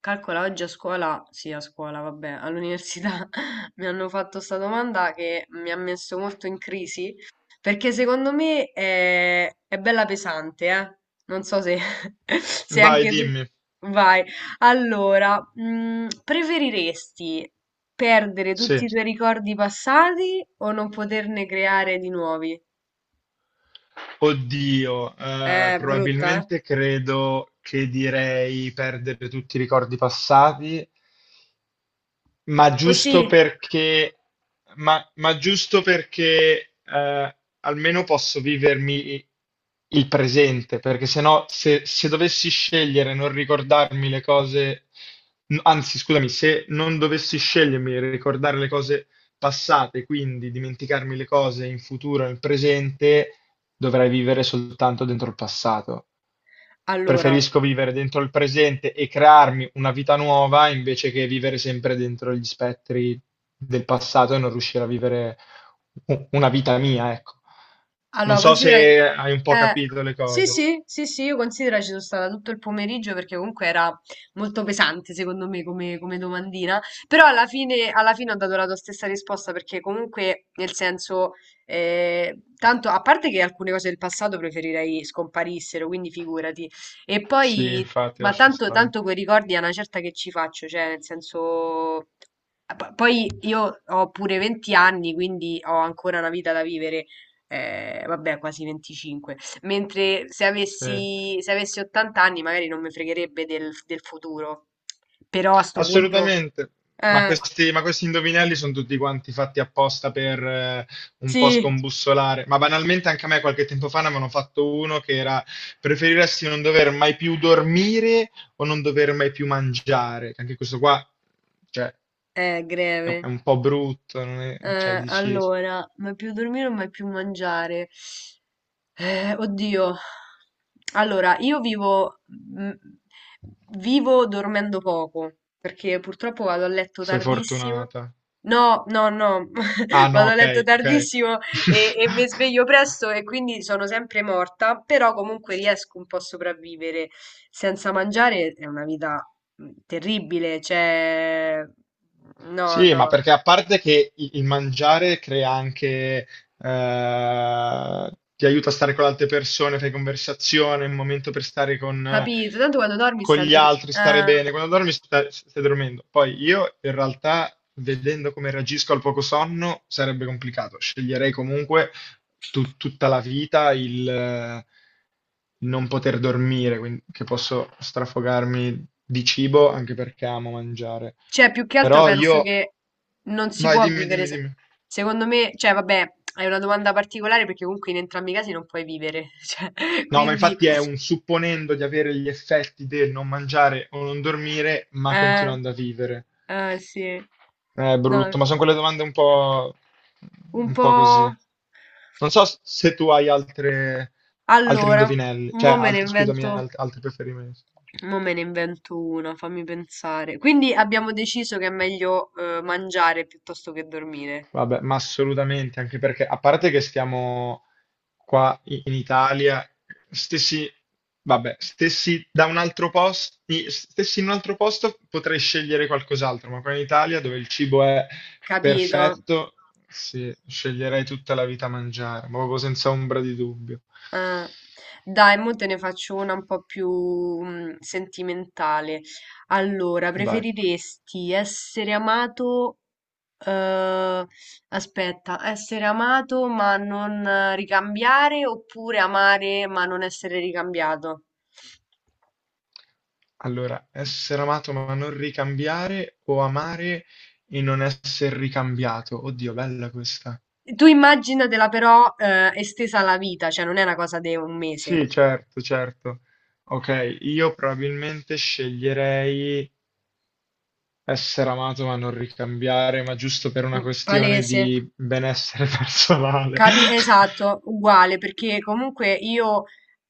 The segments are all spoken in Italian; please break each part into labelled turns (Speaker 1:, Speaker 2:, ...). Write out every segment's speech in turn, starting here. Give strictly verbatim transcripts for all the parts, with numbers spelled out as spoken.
Speaker 1: Calcola, oggi a scuola, sì, a scuola, vabbè, all'università mi hanno fatto sta domanda che mi ha messo molto in crisi, perché secondo me è, è bella pesante, eh? Non so se, se
Speaker 2: Vai,
Speaker 1: anche tu...
Speaker 2: dimmi.
Speaker 1: Vai. Allora, mm, preferiresti perdere tutti i
Speaker 2: Sì.
Speaker 1: tuoi ricordi passati o non poterne creare di nuovi?
Speaker 2: Oddio, eh,
Speaker 1: Eh, brutta, eh?
Speaker 2: probabilmente credo che direi perdere tutti i ricordi passati. Ma
Speaker 1: Così,
Speaker 2: giusto perché, ma, ma giusto perché eh, almeno posso vivermi il presente, perché sennò se, se dovessi scegliere non ricordarmi le cose, n- anzi scusami, se non dovessi scegliermi e ricordare le cose passate, quindi dimenticarmi le cose in futuro, nel presente, dovrei vivere soltanto dentro il passato.
Speaker 1: allora.
Speaker 2: Preferisco vivere dentro il presente e crearmi una vita nuova invece che vivere sempre dentro gli spettri del passato e non riuscire a vivere u- una vita mia, ecco. Non
Speaker 1: Allora,
Speaker 2: so
Speaker 1: considera.
Speaker 2: se hai un po'
Speaker 1: Eh,
Speaker 2: capito le
Speaker 1: sì,
Speaker 2: cose.
Speaker 1: sì, sì, sì, io considero ci sono stata tutto il pomeriggio perché comunque era molto pesante secondo me come, come domandina, però alla fine, alla fine ho dato la tua stessa risposta perché comunque nel senso, eh, tanto a parte che alcune cose del passato preferirei scomparissero, quindi figurati, e
Speaker 2: Sì,
Speaker 1: poi,
Speaker 2: infatti,
Speaker 1: ma
Speaker 2: lascia
Speaker 1: tanto,
Speaker 2: stare.
Speaker 1: tanto quei ricordi a una certa che ci faccio, cioè nel senso. eh, P- Poi io ho pure venti anni, quindi ho ancora una vita da vivere eh, vabbè, quasi venticinque. Mentre se
Speaker 2: Sì.
Speaker 1: avessi, se avessi ottanta anni magari non mi fregherebbe del, del futuro. Però a sto punto.
Speaker 2: Assolutamente, ma
Speaker 1: Eh,
Speaker 2: questi, ma questi indovinelli sono tutti quanti fatti apposta per eh, un po'
Speaker 1: sì,
Speaker 2: scombussolare. Ma banalmente anche a me qualche tempo fa ne avevano fatto uno che era: preferiresti non dover mai più dormire o non dover mai più mangiare. Anche questo qua, cioè,
Speaker 1: è
Speaker 2: è un è
Speaker 1: greve.
Speaker 2: un po' brutto, non è- cioè,
Speaker 1: Eh,
Speaker 2: dici,
Speaker 1: allora, mai più dormire o mai più mangiare? Eh, oddio. Allora, io vivo, mm, vivo dormendo poco, perché purtroppo vado a letto
Speaker 2: sei
Speaker 1: tardissimo.
Speaker 2: fortunata.
Speaker 1: No, no, no,
Speaker 2: Ah no,
Speaker 1: vado a
Speaker 2: ok,
Speaker 1: letto
Speaker 2: ok.
Speaker 1: tardissimo e, e mi sveglio presto e quindi sono sempre morta, però comunque riesco un po' a sopravvivere. Senza mangiare è una vita mm, terribile, cioè. No,
Speaker 2: Sì, ma
Speaker 1: no.
Speaker 2: perché a parte che il il mangiare crea anche, eh, ti aiuta a stare con le altre persone, fai conversazione, è un momento per stare con, eh,
Speaker 1: Capito, tanto quando dormi
Speaker 2: con
Speaker 1: sta a
Speaker 2: gli
Speaker 1: dormire.
Speaker 2: altri, stare
Speaker 1: Ah.
Speaker 2: bene. Quando dormi sta- stai dormendo. Poi io in realtà, vedendo come reagisco al poco sonno, sarebbe complicato. Sceglierei comunque tu- tutta la vita non poter dormire, quindi che posso strafogarmi di cibo anche perché amo mangiare.
Speaker 1: Cioè, più che altro
Speaker 2: Però
Speaker 1: penso
Speaker 2: io...
Speaker 1: che non si
Speaker 2: Vai,
Speaker 1: può
Speaker 2: dimmi,
Speaker 1: vivere.
Speaker 2: dimmi,
Speaker 1: se-
Speaker 2: dimmi.
Speaker 1: Secondo me, cioè, vabbè, è una domanda particolare perché comunque in entrambi i casi non puoi vivere. Cioè,
Speaker 2: No, ma
Speaker 1: quindi,
Speaker 2: infatti è un supponendo di avere gli effetti del non mangiare o non dormire, ma
Speaker 1: eh,
Speaker 2: continuando a vivere.
Speaker 1: eh, sì.
Speaker 2: È
Speaker 1: No,
Speaker 2: brutto, ma sono quelle domande un po',
Speaker 1: un
Speaker 2: un po'
Speaker 1: po'.
Speaker 2: così. Non so se tu hai altre, altri
Speaker 1: Allora,
Speaker 2: indovinelli, cioè
Speaker 1: mo me ne
Speaker 2: altri, scusami,
Speaker 1: invento.
Speaker 2: alt- altri preferimenti.
Speaker 1: Mo me ne invento una, fammi pensare. Quindi abbiamo deciso che è meglio eh, mangiare piuttosto che dormire.
Speaker 2: Vabbè, ma assolutamente, anche perché a parte che stiamo qua i- in Italia, stessi, vabbè, stessi da un altro posto, stessi in un altro posto potrei scegliere qualcos'altro, ma qua in Italia dove il cibo è
Speaker 1: Capito?
Speaker 2: perfetto, sì, sceglierei tutta la vita a mangiare, ma proprio senza ombra di dubbio.
Speaker 1: Ah. Dai, mo te ne faccio una un po' più mm, sentimentale. Allora,
Speaker 2: Dai.
Speaker 1: preferiresti essere amato, eh, aspetta, essere amato ma non eh, ricambiare oppure amare ma non essere ricambiato?
Speaker 2: Allora, essere amato ma non ricambiare o amare e non essere ricambiato. Oddio, bella questa.
Speaker 1: Tu immaginatela però, eh, estesa alla vita, cioè non è una cosa di un mese.
Speaker 2: Sì, certo, certo. Ok, io probabilmente sceglierei essere amato ma non ricambiare, ma giusto per
Speaker 1: Mm,
Speaker 2: una questione
Speaker 1: palese.
Speaker 2: di benessere personale.
Speaker 1: Capi- esatto, uguale, perché comunque io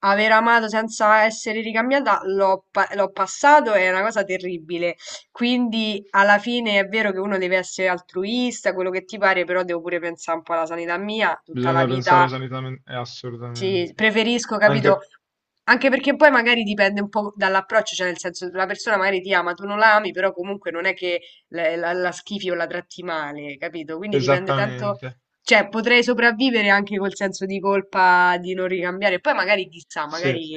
Speaker 1: aver amato senza essere ricambiata l'ho pa- l'ho passato, è una cosa terribile. Quindi alla fine è vero che uno deve essere altruista, quello che ti pare, però devo pure pensare un po' alla sanità mia, tutta la
Speaker 2: Bisogna
Speaker 1: vita
Speaker 2: pensare sanitamente, eh,
Speaker 1: sì,
Speaker 2: assolutamente.
Speaker 1: preferisco, capito?
Speaker 2: Anche
Speaker 1: Anche perché poi magari dipende un po' dall'approccio, cioè nel senso la persona magari ti ama, tu non la ami, però comunque non è che la, la- la schifi o la tratti male, capito? Quindi dipende tanto,
Speaker 2: esattamente.
Speaker 1: cioè potrei sopravvivere anche col senso di colpa di non ricambiare, poi magari chissà,
Speaker 2: Sì.
Speaker 1: magari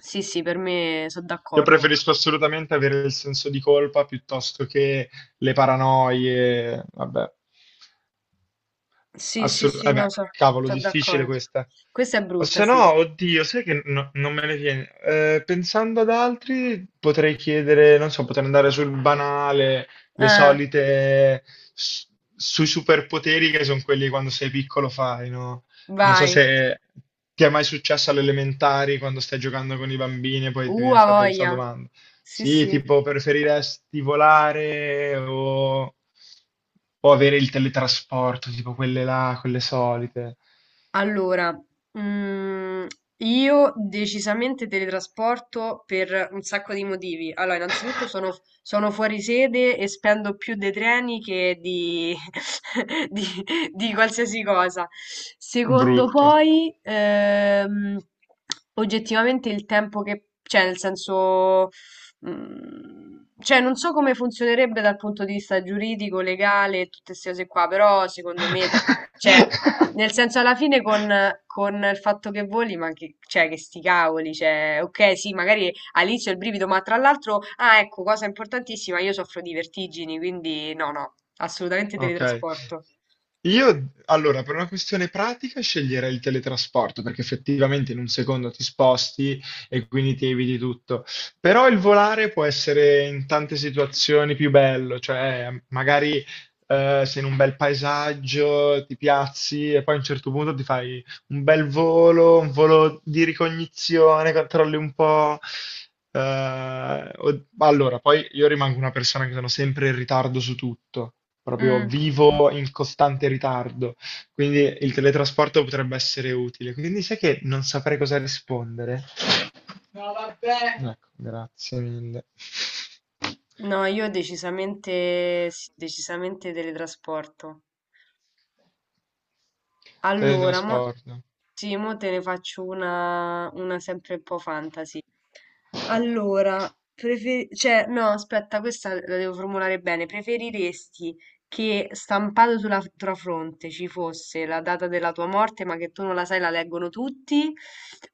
Speaker 1: sì, sì, per me sono
Speaker 2: Io
Speaker 1: d'accordo.
Speaker 2: preferisco assolutamente avere il senso di colpa piuttosto che le paranoie. Vabbè.
Speaker 1: Sì, sì,
Speaker 2: Assolut-
Speaker 1: sì,
Speaker 2: eh
Speaker 1: no,
Speaker 2: beh,
Speaker 1: sono
Speaker 2: cavolo, difficile
Speaker 1: d'accordo.
Speaker 2: questa.
Speaker 1: Questa è
Speaker 2: O
Speaker 1: brutta,
Speaker 2: se
Speaker 1: sì.
Speaker 2: no, oddio, sai che no- non me ne viene. Eh, pensando ad altri, potrei chiedere, non so, potrei andare sul banale, le
Speaker 1: Ah,
Speaker 2: solite, s- sui superpoteri che sono quelli che quando sei piccolo fai, no? Non so
Speaker 1: vai.
Speaker 2: se ti è mai successo alle elementari quando stai giocando con i bambini e poi ti
Speaker 1: Uh,
Speaker 2: viene
Speaker 1: a
Speaker 2: fatta questa
Speaker 1: voglia.
Speaker 2: domanda.
Speaker 1: Sì,
Speaker 2: Sì,
Speaker 1: sì.
Speaker 2: tipo preferiresti volare o, o avere il teletrasporto, tipo quelle là, quelle solite.
Speaker 1: Allora, mm, io decisamente teletrasporto per un sacco di motivi. Allora, innanzitutto sono, sono fuori sede e spendo più dei treni che di, di, di qualsiasi cosa. Secondo
Speaker 2: Brutto.
Speaker 1: poi, ehm, oggettivamente il tempo che. Cioè, nel senso. mm, Cioè, non so come funzionerebbe dal punto di vista giuridico, legale, tutte queste cose qua, però secondo me, cioè, nel senso, alla fine con, con il fatto che voli, ma che, cioè, che sti cavoli, cioè, ok, sì, magari all'inizio il brivido, ma tra l'altro, ah, ecco, cosa importantissima, io soffro di vertigini, quindi no, no, assolutamente
Speaker 2: Ok.
Speaker 1: teletrasporto.
Speaker 2: Io, allora, per una questione pratica sceglierei il teletrasporto perché effettivamente in un secondo ti sposti e quindi ti eviti tutto. Però il volare può essere in tante situazioni più bello, cioè magari eh, sei in un bel paesaggio, ti piazzi e poi a un certo punto ti fai un bel volo, un volo di ricognizione, controlli un po'. eh, o- allora, poi io rimango una persona che sono sempre in ritardo su tutto, proprio
Speaker 1: Mm,
Speaker 2: vivo in costante ritardo, quindi il teletrasporto potrebbe essere utile. Quindi sai che non saprei cosa rispondere. No, vabbè. Ecco, grazie mille.
Speaker 1: no, io decisamente, sì, decisamente teletrasporto. Allora, mo,
Speaker 2: Teletrasporto.
Speaker 1: sì, mo te ne faccio una, una, sempre un po' fantasy. Allora, prefer- cioè, no, aspetta, questa la devo formulare bene. Preferiresti che stampato sulla f- tua fronte ci fosse la data della tua morte, ma che tu non la sai, la leggono tutti?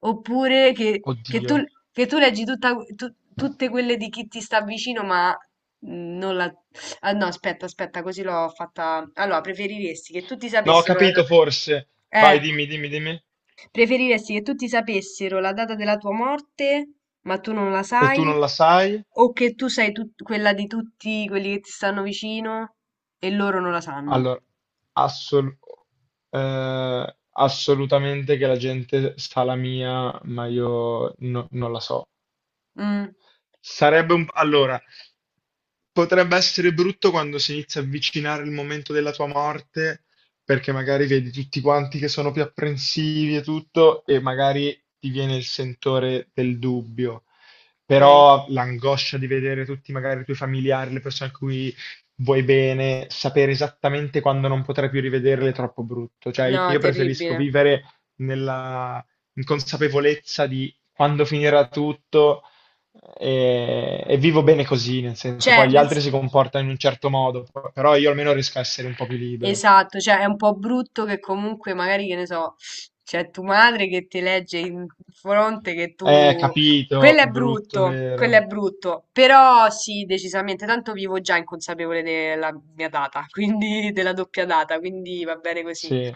Speaker 1: Oppure che, che tu,
Speaker 2: Oddio.
Speaker 1: che tu leggi tutta- tu- tutte quelle di chi ti sta vicino, ma mm, non la. Ah, no, aspetta, aspetta, così l'ho fatta. Allora, preferiresti che tutti
Speaker 2: No, ho
Speaker 1: sapessero la...
Speaker 2: capito forse. Vai,
Speaker 1: Eh,
Speaker 2: dimmi, dimmi, dimmi.
Speaker 1: preferiresti che tutti sapessero la data della tua morte, ma tu non la
Speaker 2: E tu
Speaker 1: sai,
Speaker 2: non la sai?
Speaker 1: o che tu sai tut- quella di tutti quelli che ti stanno vicino e loro non la sanno?
Speaker 2: Allora, assol- eh, assolutamente che la gente sa la mia, ma io no- non la so.
Speaker 1: Mm,
Speaker 2: Sarebbe un... Allora, potrebbe essere brutto quando si inizia a avvicinare il momento della tua morte, perché magari vedi tutti quanti che sono più apprensivi e tutto, e magari ti viene il sentore del dubbio.
Speaker 1: ok.
Speaker 2: Però l'angoscia di vedere tutti magari i tuoi familiari, le persone a cui vuoi bene, sapere esattamente quando non potrai più rivederle è troppo brutto.
Speaker 1: No,
Speaker 2: Cioè, io preferisco
Speaker 1: terribile.
Speaker 2: vivere nella inconsapevolezza di quando finirà tutto e, e vivo bene così, nel senso,
Speaker 1: Cioè.
Speaker 2: poi gli
Speaker 1: nel...
Speaker 2: altri si comportano in un certo modo, p- però io almeno riesco a essere un po' più libero.
Speaker 1: Esatto, cioè è un po' brutto che comunque magari, che ne so, c'è tua madre che ti legge in fronte che
Speaker 2: Eh,
Speaker 1: tu. Quello
Speaker 2: capito,
Speaker 1: è
Speaker 2: brutto,
Speaker 1: brutto, quello è
Speaker 2: vero?
Speaker 1: brutto, però sì, decisamente, tanto vivo già inconsapevole della mia data, quindi della doppia data, quindi va bene così.
Speaker 2: Sì,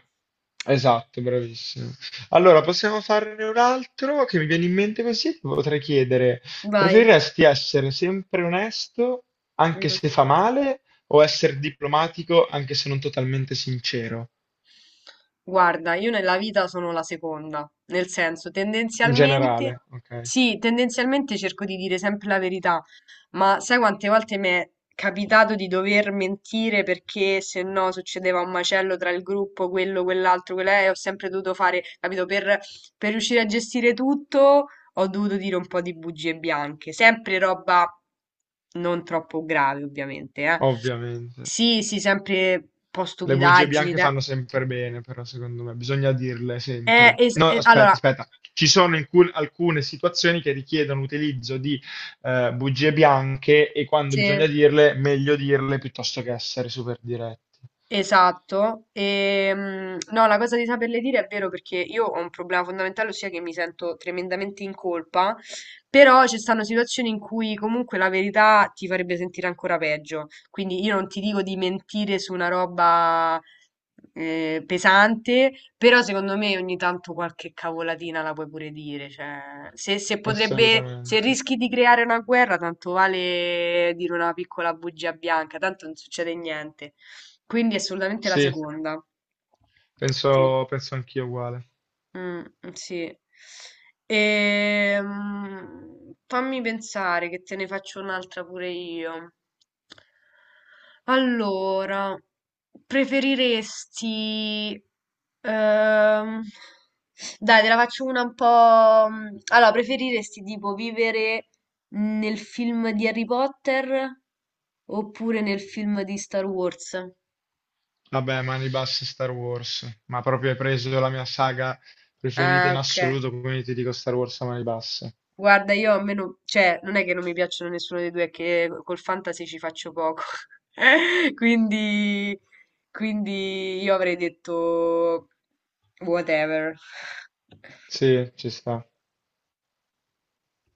Speaker 2: esatto, bravissimo. Allora, possiamo farne un altro che mi viene in mente così, ti potrei chiedere,
Speaker 1: Vai.
Speaker 2: preferiresti essere sempre onesto anche
Speaker 1: Mm.
Speaker 2: se fa male o essere diplomatico anche se non totalmente sincero?
Speaker 1: Guarda, io nella vita sono la seconda, nel senso,
Speaker 2: In
Speaker 1: tendenzialmente,
Speaker 2: generale, ok,
Speaker 1: sì, tendenzialmente cerco di dire sempre la verità, ma sai quante volte mi è capitato di dover mentire perché se no succedeva un macello tra il gruppo, quello, quell'altro, quella, e ho sempre dovuto fare, capito, per, per riuscire a gestire tutto, ho dovuto dire un po' di bugie bianche, sempre roba non troppo grave, ovviamente, eh.
Speaker 2: ovviamente.
Speaker 1: Sì, sì, sempre un po'
Speaker 2: Le bugie
Speaker 1: stupidaggini,
Speaker 2: bianche
Speaker 1: dai.
Speaker 2: fanno sempre bene, però secondo me bisogna dirle
Speaker 1: Eh,
Speaker 2: sempre.
Speaker 1: es-
Speaker 2: No,
Speaker 1: eh,
Speaker 2: aspetta,
Speaker 1: allora,
Speaker 2: aspetta. Ci sono incul- alcune situazioni che richiedono l'utilizzo di eh, bugie bianche e quando
Speaker 1: sì.
Speaker 2: bisogna dirle, meglio dirle piuttosto che essere super diretti.
Speaker 1: Esatto, ehm, no, la cosa di saperle dire è vero perché io ho un problema fondamentale, ossia che mi sento tremendamente in colpa, però ci stanno situazioni in cui comunque la verità ti farebbe sentire ancora peggio. Quindi io non ti dico di mentire su una roba eh, pesante, però secondo me ogni tanto qualche cavolatina la puoi pure dire. Cioè, se, se potrebbe, se
Speaker 2: Assolutamente.
Speaker 1: rischi di creare una guerra, tanto vale dire una piccola bugia bianca, tanto non succede niente. Quindi assolutamente la
Speaker 2: Sì,
Speaker 1: seconda. Sì.
Speaker 2: penso, penso anch'io uguale.
Speaker 1: Mm, sì. Ehm, fammi pensare che te ne faccio un'altra pure io. Allora, preferiresti... ehm, dai, te la faccio una un po'. mm, Allora, preferiresti tipo vivere nel film di Harry Potter oppure nel film di Star Wars?
Speaker 2: Vabbè, mani basse Star Wars, ma proprio hai preso la mia saga preferita
Speaker 1: Ah,
Speaker 2: in
Speaker 1: ok.
Speaker 2: assoluto, quindi ti dico Star Wars a mani basse.
Speaker 1: Guarda, io a me non, cioè, non è che non mi piacciono nessuno dei due, è che col fantasy ci faccio poco. Quindi, quindi io avrei detto whatever.
Speaker 2: Sì, ci sta.